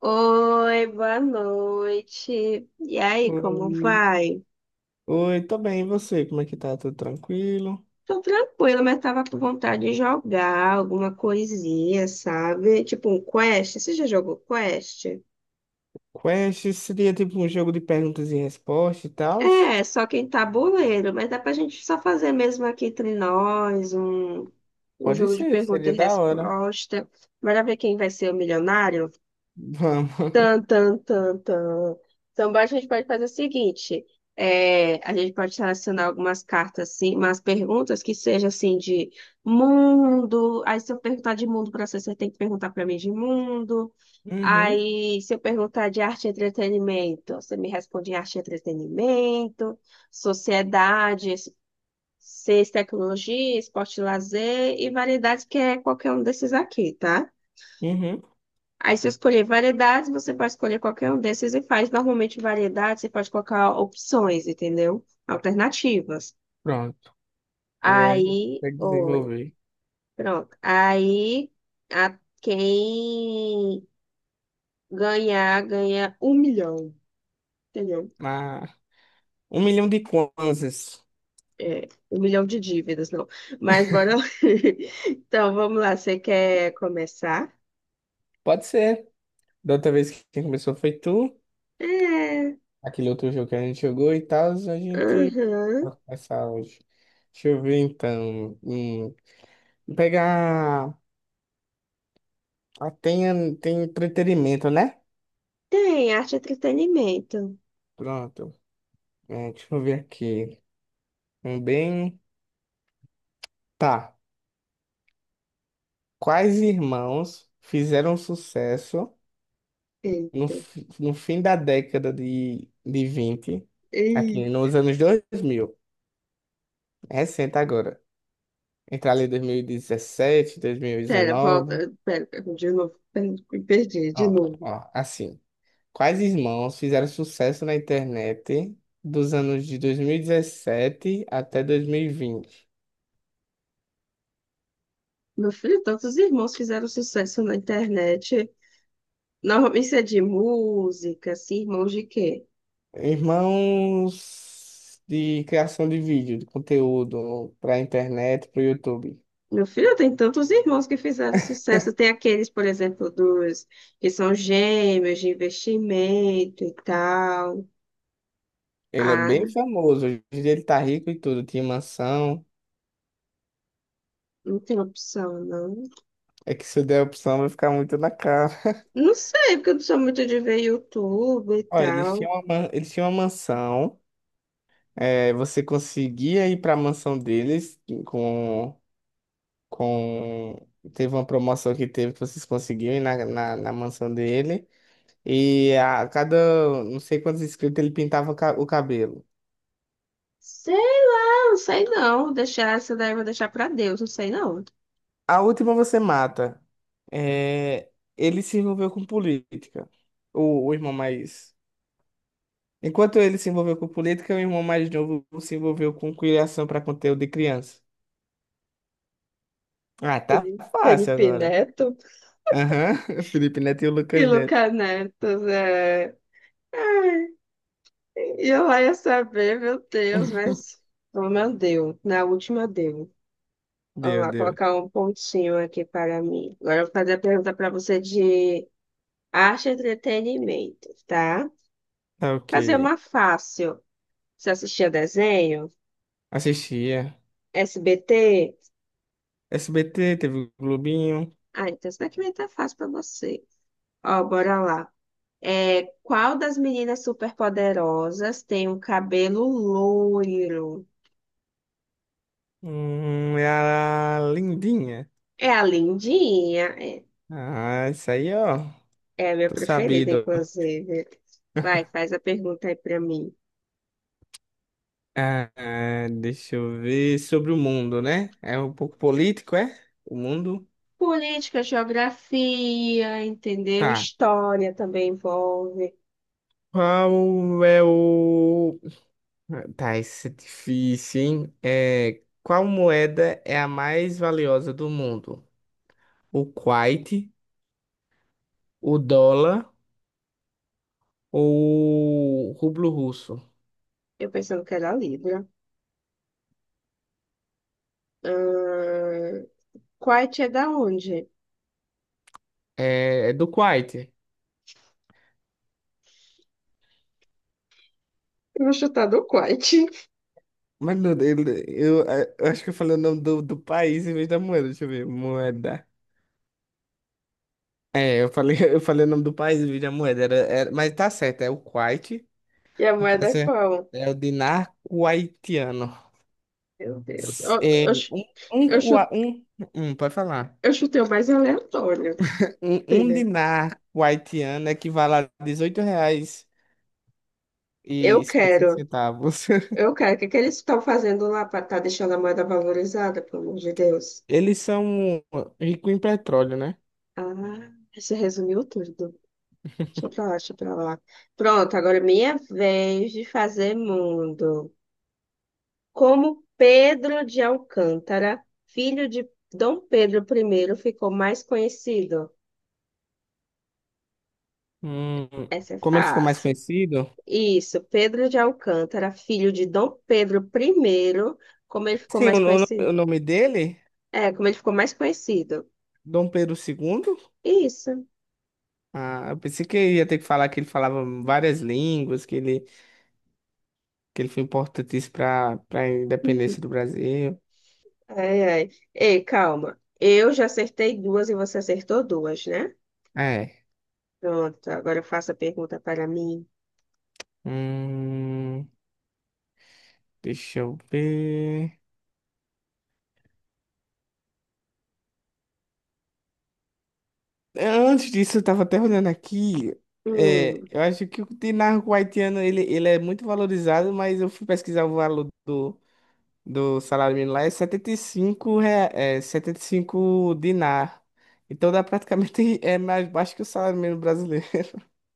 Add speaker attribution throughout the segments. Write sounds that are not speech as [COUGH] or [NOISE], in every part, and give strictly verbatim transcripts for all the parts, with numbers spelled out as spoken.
Speaker 1: Oi, boa noite. E aí, como
Speaker 2: Oi,
Speaker 1: vai?
Speaker 2: oi, tô bem, e você? Como é que tá? Tudo tranquilo?
Speaker 1: Tô tranquila, mas tava com vontade de jogar alguma coisinha, sabe? Tipo um quest. Você já jogou quest?
Speaker 2: Quest seria tipo um jogo de perguntas e respostas e tal?
Speaker 1: É, só que em tabuleiro, mas dá pra gente só fazer mesmo aqui entre nós um, um
Speaker 2: Pode
Speaker 1: jogo de
Speaker 2: ser,
Speaker 1: pergunta e
Speaker 2: seria da hora.
Speaker 1: resposta. Bora ver quem vai ser o milionário?
Speaker 2: Vamos. [LAUGHS]
Speaker 1: Tan, tan, tan, tan. Então, a gente pode fazer o seguinte: é, a gente pode selecionar algumas cartas, assim, umas perguntas que seja assim de mundo. Aí, se eu perguntar de mundo para você, você tem que perguntar para mim de mundo.
Speaker 2: Uhum,
Speaker 1: Aí, se eu perguntar de arte e entretenimento, você me responde em arte e entretenimento, sociedade, ciência, e tecnologia, esporte e lazer e variedades, que é qualquer um desses aqui, tá?
Speaker 2: uhum.
Speaker 1: Aí, se eu escolher variedades, você pode escolher qualquer um desses e faz. Normalmente, variedades, você pode colocar opções, entendeu? Alternativas.
Speaker 2: Pronto. E aí a gente
Speaker 1: Aí,
Speaker 2: consegue
Speaker 1: oi,
Speaker 2: desenvolver.
Speaker 1: pronto. Aí, a quem ganhar, ganha um milhão, entendeu?
Speaker 2: Ah, um milhão de kwanzas.
Speaker 1: É, um milhão de dívidas, não. Mas bora lá. [LAUGHS] Então, vamos lá. Você quer começar?
Speaker 2: Pode ser. Da outra vez que quem começou foi tu.
Speaker 1: É,
Speaker 2: Aquele outro jogo que a gente jogou e tal, a gente
Speaker 1: aham.
Speaker 2: vai começar hoje. Deixa eu ver então. Hum, pegar. Ah, tem, tem entretenimento, né?
Speaker 1: Tem, arte e entretenimento.
Speaker 2: Pronto. É, deixa eu ver aqui. Um bem, tá. Quais irmãos fizeram sucesso no,
Speaker 1: Eita.
Speaker 2: fi- no fim da década de, de vinte, aqui nos anos dois mil? Recente agora. Entre ali dois dois mil mil e dezessete, dois mil e
Speaker 1: Pera, volta.
Speaker 2: dois mil e dezenove.
Speaker 1: Pera, de novo. Pera, me perdi, de
Speaker 2: Ó,
Speaker 1: novo.
Speaker 2: ó, assim. Quais irmãos fizeram sucesso na internet dos anos de dois mil e dezessete até dois mil e vinte?
Speaker 1: Meu filho, tantos irmãos fizeram sucesso na internet. Normalmente isso é de música, assim, irmãos de quê?
Speaker 2: Irmãos de criação de vídeo, de conteúdo para internet, para o YouTube.
Speaker 1: Meu filho, tem tantos irmãos que fizeram sucesso. Tem aqueles, por exemplo, dos que são gêmeos de investimento e tal.
Speaker 2: Ele é bem
Speaker 1: Ah,
Speaker 2: famoso, hoje em dia ele tá rico e tudo, tinha mansão.
Speaker 1: não tem opção, não.
Speaker 2: É que se eu der a opção vai ficar muito na cara. [LAUGHS]
Speaker 1: Não sei, porque eu não sou muito de ver YouTube e
Speaker 2: Olha, eles
Speaker 1: tal.
Speaker 2: tinham uma, man- eles tinham uma mansão. É, você conseguia ir para a mansão deles com, com... Teve uma promoção que teve que vocês conseguiam ir na, na, na mansão dele. E a cada não sei quantos inscritos ele pintava o ca- o cabelo.
Speaker 1: Sei lá, não sei não. Vou deixar essa daí, eu vou deixar pra Deus, não sei não.
Speaker 2: A última você mata. É, ele se envolveu com política. O, o irmão mais. Enquanto ele se envolveu com política, o irmão mais novo se envolveu com criação para conteúdo de criança. Ah, tá
Speaker 1: Felipe
Speaker 2: fácil
Speaker 1: Felipe
Speaker 2: agora.
Speaker 1: Neto
Speaker 2: Aham. [LAUGHS] Felipe Neto e o
Speaker 1: e
Speaker 2: Lucas Neto.
Speaker 1: Lucas Neto, né? Ai, e eu lá ia saber, meu Deus,
Speaker 2: [LAUGHS]
Speaker 1: mas oh, meu Deus, na última deu. Vamos
Speaker 2: Deu,
Speaker 1: lá,
Speaker 2: deu.
Speaker 1: colocar um pontinho aqui para mim. Agora eu vou fazer a pergunta para você de arte e entretenimento, tá?
Speaker 2: Tá ok.
Speaker 1: Fazer uma fácil. Você assistia desenho?
Speaker 2: Assistia.
Speaker 1: S B T?
Speaker 2: S B T, teve o Globinho.
Speaker 1: Ah, então isso daqui vai estar fácil para você. Ó, bora lá. É, qual das meninas superpoderosas tem um cabelo loiro?
Speaker 2: Hum, era lindinha.
Speaker 1: É a Lindinha. É,
Speaker 2: Ah, isso aí, ó.
Speaker 1: é a minha
Speaker 2: Tô
Speaker 1: preferida,
Speaker 2: sabido.
Speaker 1: inclusive. Vai, faz a pergunta aí pra mim.
Speaker 2: Ah, ah, deixa eu ver sobre o mundo, né? É um pouco político, é? O mundo?
Speaker 1: Política, geografia, entendeu?
Speaker 2: Tá.
Speaker 1: História também envolve.
Speaker 2: Qual é o. Tá, esse é difícil, hein? É, qual moeda é a mais valiosa do mundo? O Kuwait, o dólar ou o rublo russo?
Speaker 1: Eu pensando que era Libra. Ahn, Quite é da onde?
Speaker 2: É, é do Kuwait.
Speaker 1: Eu vou chutar do Quite.
Speaker 2: Mas, meu Deus, eu, eu acho que eu falei o nome do, do país em vez da moeda. Deixa eu ver. Moeda. É, eu falei, [LAUGHS] eu falei o nome do país, do vídeo da moeda, era, era- mas tá certo, é o Kuwait,
Speaker 1: E a
Speaker 2: no
Speaker 1: moeda é
Speaker 2: caso é,
Speaker 1: qual?
Speaker 2: é o dinar kuwaitiano.
Speaker 1: Meu Deus. Eu,
Speaker 2: S- É,
Speaker 1: eu, chu-
Speaker 2: um, um,
Speaker 1: eu chu-
Speaker 2: kua- um, um, pode falar.
Speaker 1: eu chutei o mais aleatório.
Speaker 2: Um, um
Speaker 1: Entendeu?
Speaker 2: dinar kuwaitiano equivale a dezoito reais
Speaker 1: Eu
Speaker 2: e cinquenta e seis
Speaker 1: quero,
Speaker 2: centavos. [LAUGHS]
Speaker 1: eu quero. O que que eles estão fazendo lá para estar deixando a moeda valorizada, pelo amor de Deus?
Speaker 2: Eles são ricos em petróleo, né?
Speaker 1: Ah, você resumiu tudo. Deixa
Speaker 2: [LAUGHS]
Speaker 1: pra lá, deixa pra lá. Pronto, agora é minha vez de fazer mundo. Como Pedro de Alcântara, filho de Dom Pedro I, ficou mais conhecido?
Speaker 2: Hum,
Speaker 1: Essa é
Speaker 2: como ele ficou mais
Speaker 1: fácil.
Speaker 2: conhecido?
Speaker 1: Isso, Pedro de Alcântara, filho de Dom Pedro I, como ele ficou
Speaker 2: Sim,
Speaker 1: mais
Speaker 2: o, no- o
Speaker 1: conhecido?
Speaker 2: nome dele,
Speaker 1: É, como ele ficou mais conhecido.
Speaker 2: Dom Pedro segundo.
Speaker 1: Isso.
Speaker 2: Ah, eu pensei que ia ter que falar que ele falava várias línguas, que ele, que ele foi importantíssimo para para a independência do Brasil.
Speaker 1: Ai, ai. Ei, calma. Eu já acertei duas e você acertou duas, né?
Speaker 2: É.
Speaker 1: Pronto, agora faça a pergunta para mim.
Speaker 2: Hum, deixa eu ver. Antes disso, eu tava até olhando aqui. É,
Speaker 1: Hum,
Speaker 2: eu acho que o dinarco haitiano ele, ele é muito valorizado, mas eu fui pesquisar o valor do, do salário mínimo lá, é setenta e cinco rea- é, setenta e cinco dinar. Então dá praticamente [LAUGHS] é mais baixo que o salário mínimo brasileiro.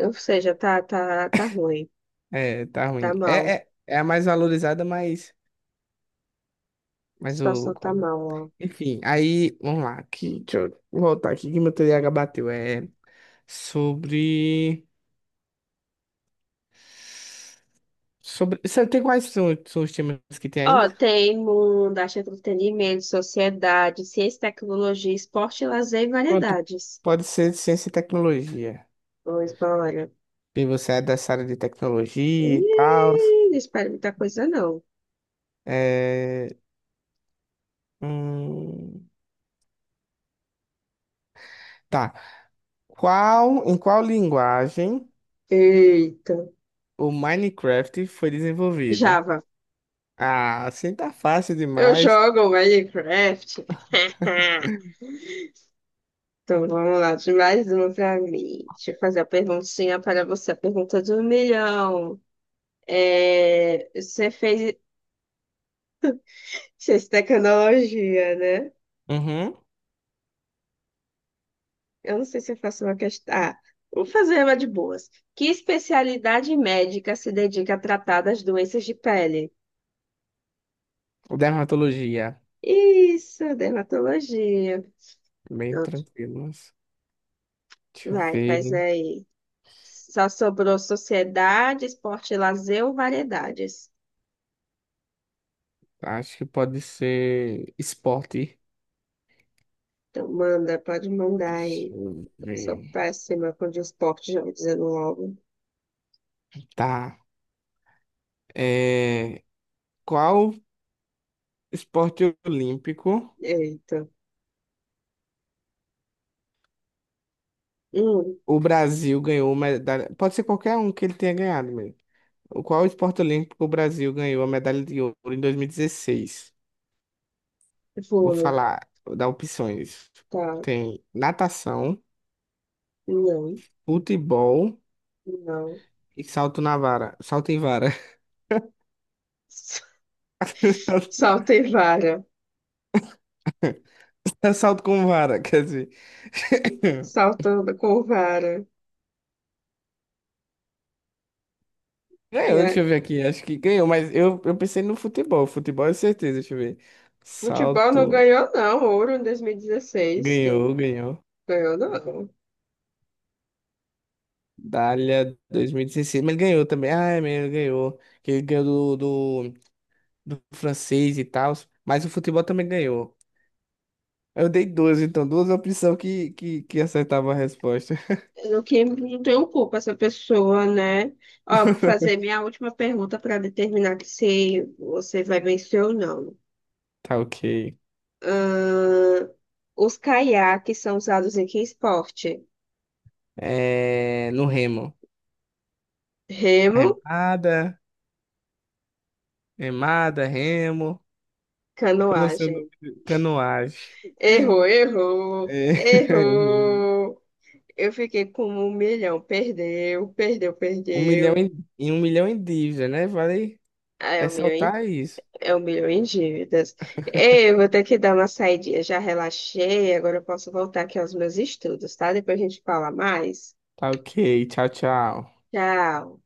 Speaker 1: ou seja, tá, tá, tá ruim.
Speaker 2: É, tá
Speaker 1: Tá
Speaker 2: ruim.
Speaker 1: mal. A
Speaker 2: É, é, é a mais valorizada, mas, mas o.
Speaker 1: situação tá mal, ó.
Speaker 2: Enfim, aí, vamos lá. Aqui, deixa eu voltar aqui que meu T D A H bateu. É sobre. Sobre. Você tem quais são, são, os temas que tem ainda?
Speaker 1: Ó, tem mundo, arte, entretenimento, sociedade, ciência, tecnologia, esporte, lazer e
Speaker 2: Pronto,
Speaker 1: variedades.
Speaker 2: pode ser de ciência e tecnologia.
Speaker 1: Pois, bora.
Speaker 2: E você é dessa área de tecnologia e tal.
Speaker 1: Ih, não espero muita coisa, não.
Speaker 2: É... hum, Tá. Qual, em qual linguagem
Speaker 1: Eita.
Speaker 2: o Minecraft foi desenvolvido?
Speaker 1: Java.
Speaker 2: Ah, assim tá fácil
Speaker 1: Eu
Speaker 2: demais.
Speaker 1: jogo Minecraft. [LAUGHS] Então, vamos lá, de mais uma para mim. Deixa eu fazer a perguntinha para você, a pergunta de um milhão. É, você fez ciência e tecnologia, né?
Speaker 2: Uhum.
Speaker 1: Eu não sei se eu faço uma questão. Ah, vou fazer uma de boas. Que especialidade médica se dedica a tratar das doenças de pele?
Speaker 2: Dermatologia.
Speaker 1: Isso, dermatologia.
Speaker 2: Bem
Speaker 1: Pronto,
Speaker 2: tranquilo, mas. Deixa eu
Speaker 1: vai, faz
Speaker 2: ver.
Speaker 1: aí. Só sobrou sociedade, esporte, e lazer ou variedades?
Speaker 2: Acho que pode ser esporte.
Speaker 1: Então, manda, pode mandar
Speaker 2: Deixa
Speaker 1: aí.
Speaker 2: eu
Speaker 1: Sou
Speaker 2: ver.
Speaker 1: péssima com de esporte, já me dizendo logo.
Speaker 2: Tá. É... Qual esporte olímpico
Speaker 1: Eita. Hum,
Speaker 2: o Brasil ganhou medalha? Pode ser qualquer um que ele tenha ganhado mesmo. O Qual esporte olímpico o Brasil ganhou a medalha de ouro em dois mil e dezesseis? Vou
Speaker 1: vôlei.
Speaker 2: falar, vou dar opções.
Speaker 1: Tá.
Speaker 2: Tem natação,
Speaker 1: Não,
Speaker 2: futebol.
Speaker 1: não.
Speaker 2: E salto na vara. Salto em vara.
Speaker 1: [LAUGHS]
Speaker 2: [LAUGHS]
Speaker 1: Saltei vara.
Speaker 2: Salto com vara, quer dizer. [COUGHS]
Speaker 1: Saltando com vara. E
Speaker 2: Ganhou,
Speaker 1: é,
Speaker 2: deixa eu ver aqui. Acho que ganhou, mas eu, eu pensei no futebol. Futebol é certeza, deixa eu ver.
Speaker 1: futebol não
Speaker 2: Salto.
Speaker 1: ganhou, não. Ouro em dois mil e dezesseis, que eu
Speaker 2: Ganhou, ganhou.
Speaker 1: ganhou, não.
Speaker 2: Dália dois mil e dezesseis. Mas ele ganhou também. Ah, é mesmo, ele ganhou. Que ele ganhou do, do, do francês e tal. Mas o futebol também ganhou. Eu dei duas, então, duas opções que, que, que acertavam a resposta. [LAUGHS]
Speaker 1: No que não tenho culpa essa pessoa, né? Ó, vou fazer minha última pergunta para determinar que se você vai vencer ou não.
Speaker 2: Tá ok.
Speaker 1: Ahn, os caiaques são usados em que esporte?
Speaker 2: É, no remo.
Speaker 1: Remo,
Speaker 2: Arremada. Remada, remo. Eu não sei o
Speaker 1: canoagem.
Speaker 2: nome. de- Canoagem.
Speaker 1: Errou, errou,
Speaker 2: É, [LAUGHS]
Speaker 1: errou. Eu fiquei com um milhão. Perdeu, perdeu,
Speaker 2: Um milhão
Speaker 1: perdeu.
Speaker 2: em, em um milhão em dívida, né? Vale
Speaker 1: Ah, é um milhão em,
Speaker 2: ressaltar isso.
Speaker 1: é um milhão em dívidas. Ei, eu vou ter que dar uma saidinha. Já relaxei, agora eu posso voltar aqui aos meus estudos, tá? Depois a gente fala mais.
Speaker 2: Tá ok. Tchau, tchau.
Speaker 1: Tchau.